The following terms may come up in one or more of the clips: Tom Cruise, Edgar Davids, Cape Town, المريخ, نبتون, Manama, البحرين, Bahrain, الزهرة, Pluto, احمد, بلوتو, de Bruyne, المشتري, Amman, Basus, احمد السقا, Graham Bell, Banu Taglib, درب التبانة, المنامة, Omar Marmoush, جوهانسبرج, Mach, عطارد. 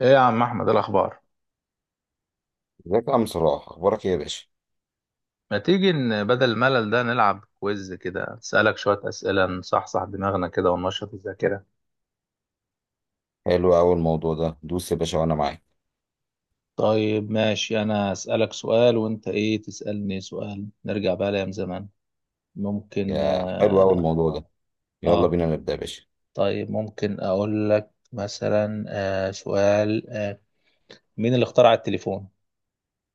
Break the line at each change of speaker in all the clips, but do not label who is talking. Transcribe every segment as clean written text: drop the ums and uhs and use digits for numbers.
ايه يا عم احمد؟ إيه الاخبار؟
ازيك يا عم صلاح، اخبارك ايه يا باشا؟
ما تيجي بدل الملل ده نلعب كويز كده، اسالك شويه اسئله، نصحصح دماغنا كده وننشط الذاكره.
حلو قوي الموضوع ده. دوس يا باشا وانا معاك.
طيب ماشي، أنا أسألك سؤال وأنت إيه تسألني سؤال، نرجع بقى لأيام زمان. ممكن؟
يا حلو قوي الموضوع ده. يلا
آه
بينا نبدا يا باشا.
طيب، ممكن أقول لك مثلا سؤال. مين اللي اخترع التليفون؟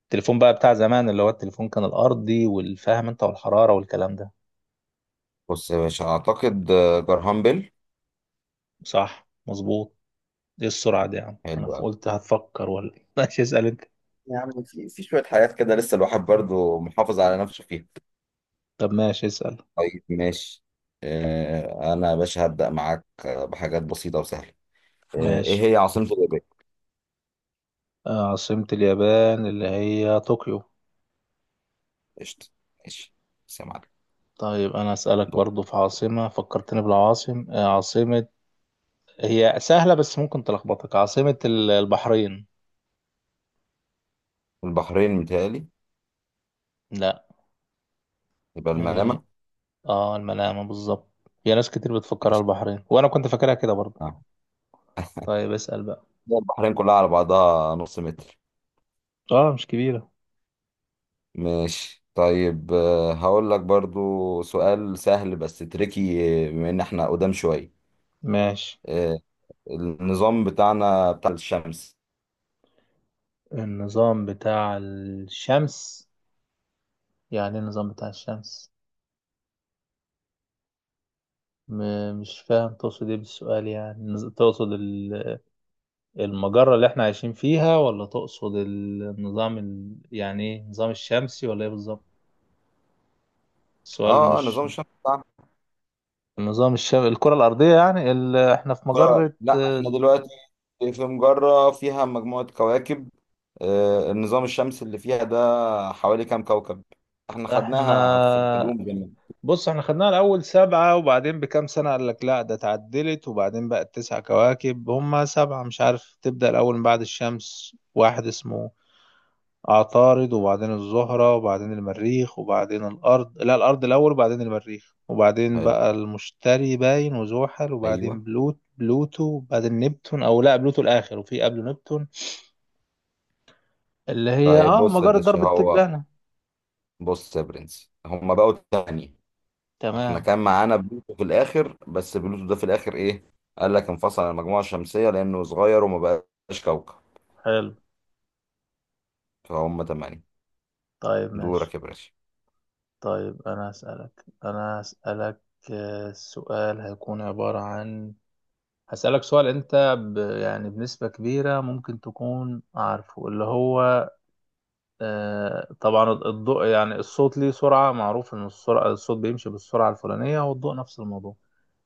التليفون بقى بتاع زمان، اللي هو التليفون كان الأرضي، والفاهم أنت والحرارة والكلام ده.
بص يا باشا، اعتقد جرهام بيل.
صح، مظبوط. ايه السرعة دي يا عم؟
حلو
انا
قوي.
قلت هتفكر ولا إيه؟ ماشي، اسأل انت.
يا عم في شويه حاجات كده لسه الواحد برضو محافظ على نفسه فيها.
طب ماشي، اسأل.
طيب ماشي. انا يا باشا هبدا معاك بحاجات بسيطه وسهله.
ماشي.
ايه هي عاصمه اليابان؟
عاصمة اليابان اللي هي طوكيو.
قشطه. ماشي. بس يا معلم.
طيب انا اسألك
دول.
برضو في عاصمة، فكرتني بالعاصم، عاصمة، هي سهلة بس ممكن تلخبطك. عاصمة البحرين.
البحرين متهيألي.
لا.
يبقى
هي
المنامه.
اه المنامة بالظبط. في ناس كتير بتفكرها
ماشي.
البحرين، وانا كنت فاكرها كده برضو.
اه.
طيب اسأل بقى.
البحرين كلها على بعضها نص متر.
اه مش كبيرة.
ماشي طيب، هقول لك برضو سؤال سهل بس تريكي، بما ان احنا قدام شوية.
ماشي.
آه، النظام بتاعنا بتاع الشمس.
النظام بتاع الشمس؟ يعني ايه النظام بتاع الشمس؟ مش فاهم تقصد ايه بالسؤال، يعني تقصد المجرة اللي احنا عايشين فيها، ولا تقصد النظام يعني ايه، النظام الشمسي ولا ايه بالظبط؟ السؤال مش.
نظام الشمس بتاعنا.
النظام الشمسي، الكرة الأرضية، يعني احنا في مجرة.
لا
اه،
احنا دلوقتي في مجرة فيها مجموعة كواكب. النظام الشمس اللي فيها ده حوالي كام كوكب؟ احنا خدناها في
احنا.
العلوم زمان.
بص، احنا خدناها الأول سبعة، وبعدين بكام سنة قال لك لا ده اتعدلت، وبعدين بقت تسع كواكب. هما سبعة، مش عارف. تبدأ الأول من بعد الشمس، واحد اسمه عطارد، وبعدين الزهرة، وبعدين المريخ، وبعدين الأرض. لا، الأرض الأول وبعدين المريخ، وبعدين
حلو.
بقى المشتري باين وزحل، وبعدين
ايوه.
بلوتو، وبعدين نبتون، أو لا بلوتو الآخر وفي قبله نبتون. اللي هي
طيب بص يا
مجرة
باشا،
درب
هو
التبانة.
بص يا برنس، هما بقوا تاني. احنا
تمام.
كان معانا بلوتو في الاخر، بس بلوتو ده في الاخر ايه؟ قال لك انفصل عن المجموعه الشمسيه لانه صغير وما بقاش كوكب.
حلو.
فهم تمانية.
طيب
دورك
ماشي.
يا باشا.
طيب أنا هسألك. السؤال هيكون عبارة عن، هسألك سؤال أنت يعني بنسبة كبيرة ممكن تكون عارفه. اللي هو طبعا الضوء، يعني الصوت ليه سرعة، معروف إن السرعة الصوت بيمشي بالسرعة الفلانية، والضوء نفس الموضوع.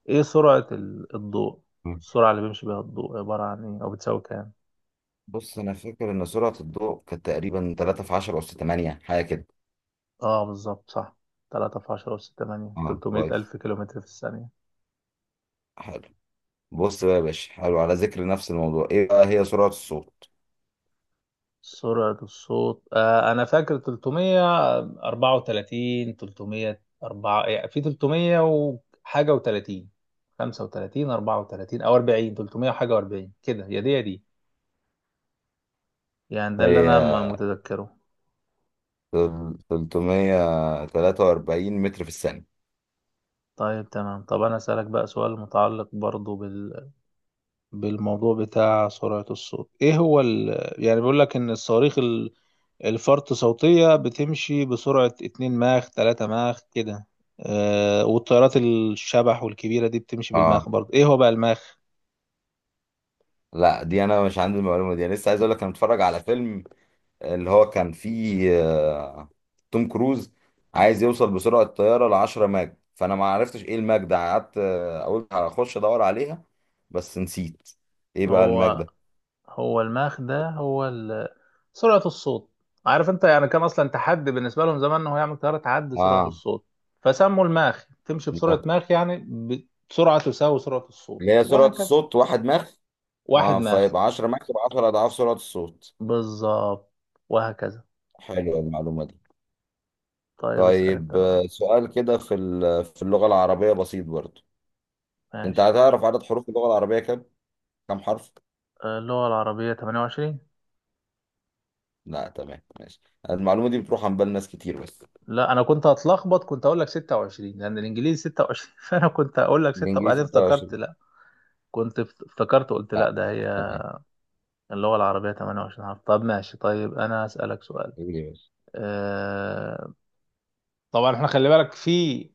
إيه سرعة الضوء؟
مم.
السرعة اللي بيمشي بيها الضوء عبارة عن إيه، أو بتساوي كام؟
بص انا فاكر ان سرعه الضوء كانت تقريبا 3 في 10 اس 8 حاجه كده.
بالظبط، صح. تلاتة في عشرة وستة تمانية،
اه
تلتمية
كويس.
ألف كيلومتر في الثانية.
حلو. بص بقى يا باشا، حلو. على ذكر نفس الموضوع، ايه بقى هي سرعه الصوت؟
سرعة الصوت، أنا فاكر تلتمية أربعة وتلاتين، تلتمية أربعة، يعني في تلتمية وحاجة وتلاتين، خمسة وتلاتين، أربعة وتلاتين أو أربعين، تلتمية وحاجة وأربعين، كده. يا دي يا دي. يعني ده اللي انا
هي
متذكره.
343 متر في الثانيه.
طيب تمام. طب انا اسالك بقى سؤال متعلق برضو بالموضوع بتاع سرعة الصوت. ايه هو يعني بيقول لك ان الصواريخ الفرط صوتية بتمشي بسرعة 2 ماخ 3 ماخ كده. والطيارات الشبح والكبيرة دي بتمشي
اه.
بالماخ برضو. ايه هو بقى الماخ؟
لا، دي انا مش عندي المعلومه دي. انا لسه عايز اقول لك، انا متفرج على فيلم اللي هو كان فيه توم كروز عايز يوصل بسرعة الطيارة ل 10 ماج، فأنا ما عرفتش إيه الماج ده. قعدت أقول هخش أدور عليها. بس نسيت. إيه بقى الماج
هو
ده؟
هو المخ ده، هو سرعة الصوت. عارف انت يعني، كان اصلا تحدي بالنسبة لهم زمان ان هو يعمل طيارة تعدي سرعة
آه
الصوت، فسموا الماخ. تمشي بسرعة ماخ، يعني بسرعة تساوي سرعة الصوت،
اللي هي سرعة
وهكذا.
الصوت واحد ماخ.
واحد ماخ،
فيبقى 10 ماخ يبقى 10 أضعاف سرعة الصوت.
بالظبط، وهكذا.
حلوة المعلومة دي.
طيب اسأل انت
طيب،
بقى.
سؤال كده في اللغة العربية بسيط برضه. أنت
ماشي.
هتعرف عدد حروف اللغة العربية كام؟ كام حرف؟
اللغة العربية 28.
لا تمام ماشي. المعلومة دي بتروح عن بال ناس كتير بس.
لا انا كنت هتلخبط، كنت اقول لك 26 لان الانجليزي 26 فانا كنت اقول لك 6،
الانجليزي
وبعدين افتكرت
26.
لا. كنت افتكرت، قلت لا
لا.
ده هي.
تمام.
اللغة العربية 28 حرف. طب ماشي. طيب أنا هسألك سؤال.
ايه يا باشا؟
أه... طبعا احنا خلي بالك، في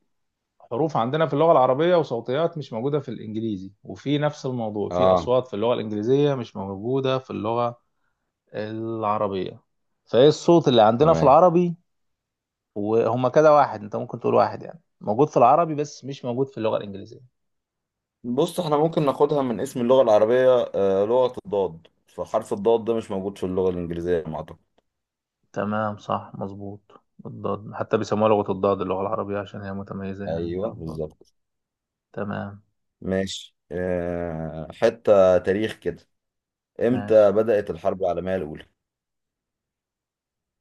حروف عندنا في اللغة العربية وصوتيات مش موجودة في الإنجليزي، وفي نفس الموضوع في
اه
أصوات في اللغة الإنجليزية مش موجودة في اللغة العربية. فإيه الصوت اللي عندنا في
تمام.
العربي، وهما كده واحد، أنت ممكن تقول واحد يعني موجود في العربي بس مش موجود في اللغة الإنجليزية؟
بص، احنا ممكن ناخدها من اسم اللغة العربية، لغة الضاد. فحرف الضاد ده مش موجود في اللغة الإنجليزية على ما أعتقد.
تمام صح مظبوط. الضاد، حتى بيسموها لغة الضاد اللغة العربية عشان هي متميزة يعني
ايوه
فيها الضاد.
بالظبط.
تمام
ماشي. حتة تاريخ كده. امتى
ماشي.
بدأت الحرب العالمية الأولى؟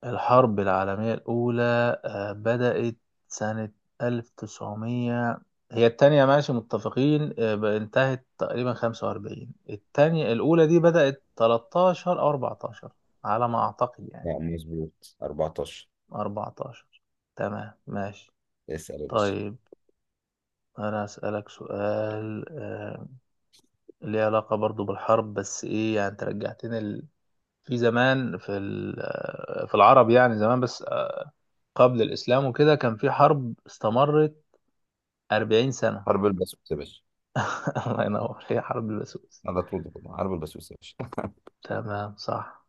الحرب العالمية الأولى بدأت سنة 1900. هي التانية ماشي متفقين، انتهت تقريبا 45. التانية. الأولى دي بدأت 13 أو 14 على ما أعتقد يعني.
لا مظبوط، 14.
14، تمام ماشي.
اسأل يا باشا.
طيب أنا أسألك سؤال، ليه علاقة برضو بالحرب، بس إيه يعني أنت رجعتني في زمان، في ال... آه، في العرب يعني زمان، بس قبل الإسلام وكده كان في حرب استمرت 40 سنة.
حرب البسوس يا باشا.
الله ينور، هي حرب البسوس.
على طول كده، حرب البسوس يا باشا.
تمام صح.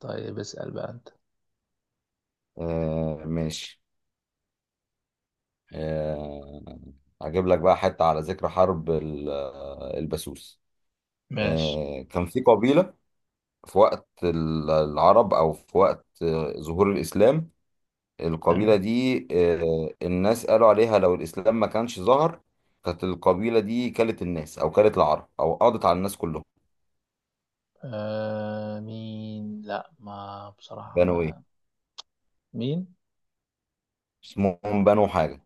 طيب اسأل بقى أنت.
ماشي. آه، هجيب لك بقى حتة على ذكر حرب البسوس.
ماشي
كان في قبيلة في وقت العرب، أو في وقت ظهور الإسلام. القبيلة
تمام.
دي الناس قالوا عليها، لو الإسلام ما كانش ظهر كانت القبيلة دي كلت الناس، أو كلت العرب، أو قضت على الناس كلهم.
مين؟ لا ما بصراحة
بنوا إيه؟
ما. مين؟
اسمهم بنو حاجة.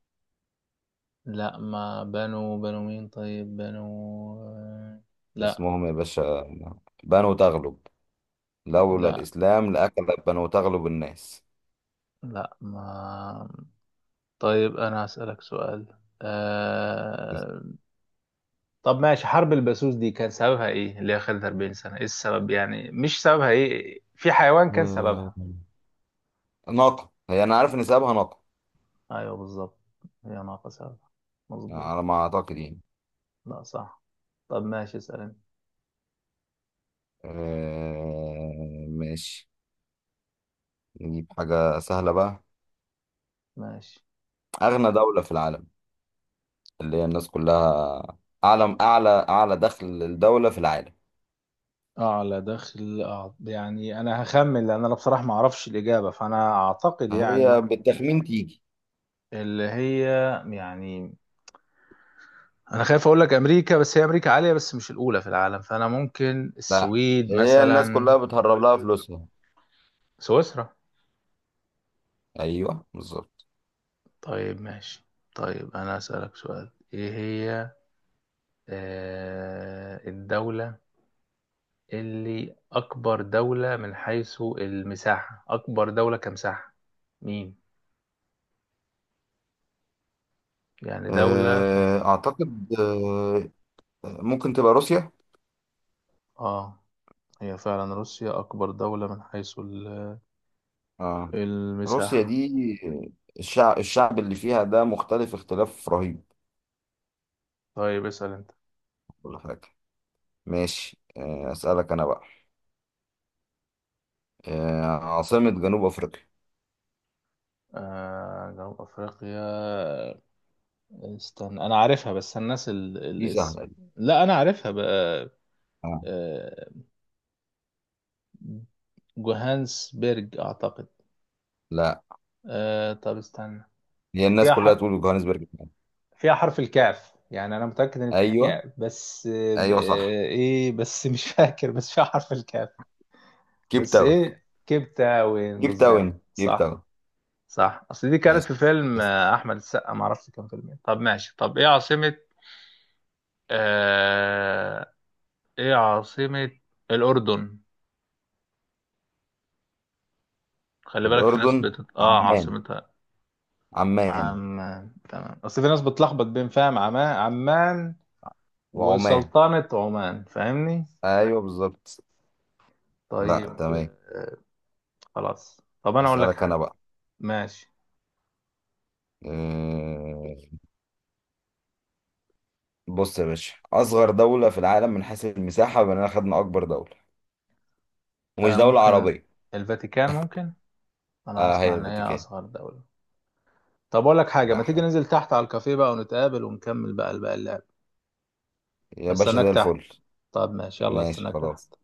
لا ما بنو. بنو مين؟ طيب بنو. آه، لا.
اسمهم يا باشا. بنو تغلب. لولا
لا.
الإسلام لأكلت بنو تغلب الناس.
لا ما. طيب أنا هسألك سؤال. آه... طب ماشي، حرب البسوس دي كان سببها ايه، اللي هي خلت 40 سنة؟ ايه السبب يعني؟ مش سببها ايه؟ في حيوان كان سببها.
ناقة. هي أنا عارف إن سببها ناقة.
ايوه بالظبط. هي ناقص هذا، مظبوط.
على ما أعتقد يعني.
لا صح. طب ماشي، اسأل انت.
ماشي. نجيب حاجة سهلة بقى.
ماشي.
أغنى دولة في العالم، اللي هي الناس كلها. أعلى دخل الدولة في العالم.
أعلى دخل. يعني أنا هخمن لأن أنا بصراحة ما أعرفش الإجابة، فأنا أعتقد يعني.
هي بالتخمين تيجي.
اللي هي يعني، أنا خايف أقول لك أمريكا، بس هي أمريكا عالية بس مش الأولى في العالم، فأنا ممكن
لا،
السويد
هي الناس
مثلا.
كلها بتهرب لها فلوسها.
سويسرا.
أيوه بالظبط.
طيب ماشي. طيب أنا أسألك سؤال، إيه هي الدولة اللي أكبر دولة من حيث المساحة، أكبر دولة كمساحة؟ مين؟ يعني دولة
أعتقد ممكن تبقى روسيا.
آه هي فعلا روسيا أكبر دولة من حيث
آه روسيا
المساحة.
دي، الشعب اللي فيها ده مختلف اختلاف رهيب.
طيب اسأل أنت.
ولا حاجة. ماشي. أسألك أنا بقى عاصمة جنوب أفريقيا؟
جنوب أفريقيا، استنى أنا عارفها بس الناس
دي
الاسم.
سهلة دي.
لا أنا عارفها بقى.
آه.
آه، جوهانسبرج أعتقد.
لا،
طب استنى،
هي الناس
فيها
كلها تقول جوهانسبرج.
فيها حرف الكاف، يعني انا متاكد ان فيها
أيوه.
كاف. بس
أيوه صح.
ايه بس مش فاكر، بس فيها حرف الكاف.
كيب
بس
تاون.
ايه، كبته وين،
كيب
بالظبط
تاون، كيب
صح.
تاون.
صح، اصل دي كانت
ماشي.
في فيلم
بس.
احمد السقا، ما اعرفش كان فيلم ايه. طب ماشي. طب ايه عاصمه. آه... ايه عاصمه الاردن؟ خلي بالك في ناس
الأردن،
بتت... اه
عمان.
عاصمتها
عمان.
عمان. تمام، اصل في ناس بتلخبط بين، فاهم، عمان، عمان
وعمان.
وسلطنه عمان، فاهمني؟
أيوه بالظبط. لا
طيب
تمام.
آه، خلاص. طب انا اقول لك
أسألك أنا
حاجه.
بقى.
ماشي.
آه، بص يا باشا، أصغر دولة في العالم من حيث المساحة، بما إننا خدنا أكبر دولة، ومش دولة
ممكن
عربية.
الفاتيكان ممكن. انا
هي
اسمع ان هي
الفاتيكان.
اصغر دوله. طب اقول لك حاجه، ما
لا
تيجي
حول.
ننزل تحت على الكافيه بقى ونتقابل ونكمل بقى الباقي اللعب.
يا باشا
هستناك
زي
تحت.
الفل.
طب ماشي، يلا،
ماشي
هستناك
خلاص.
تحت.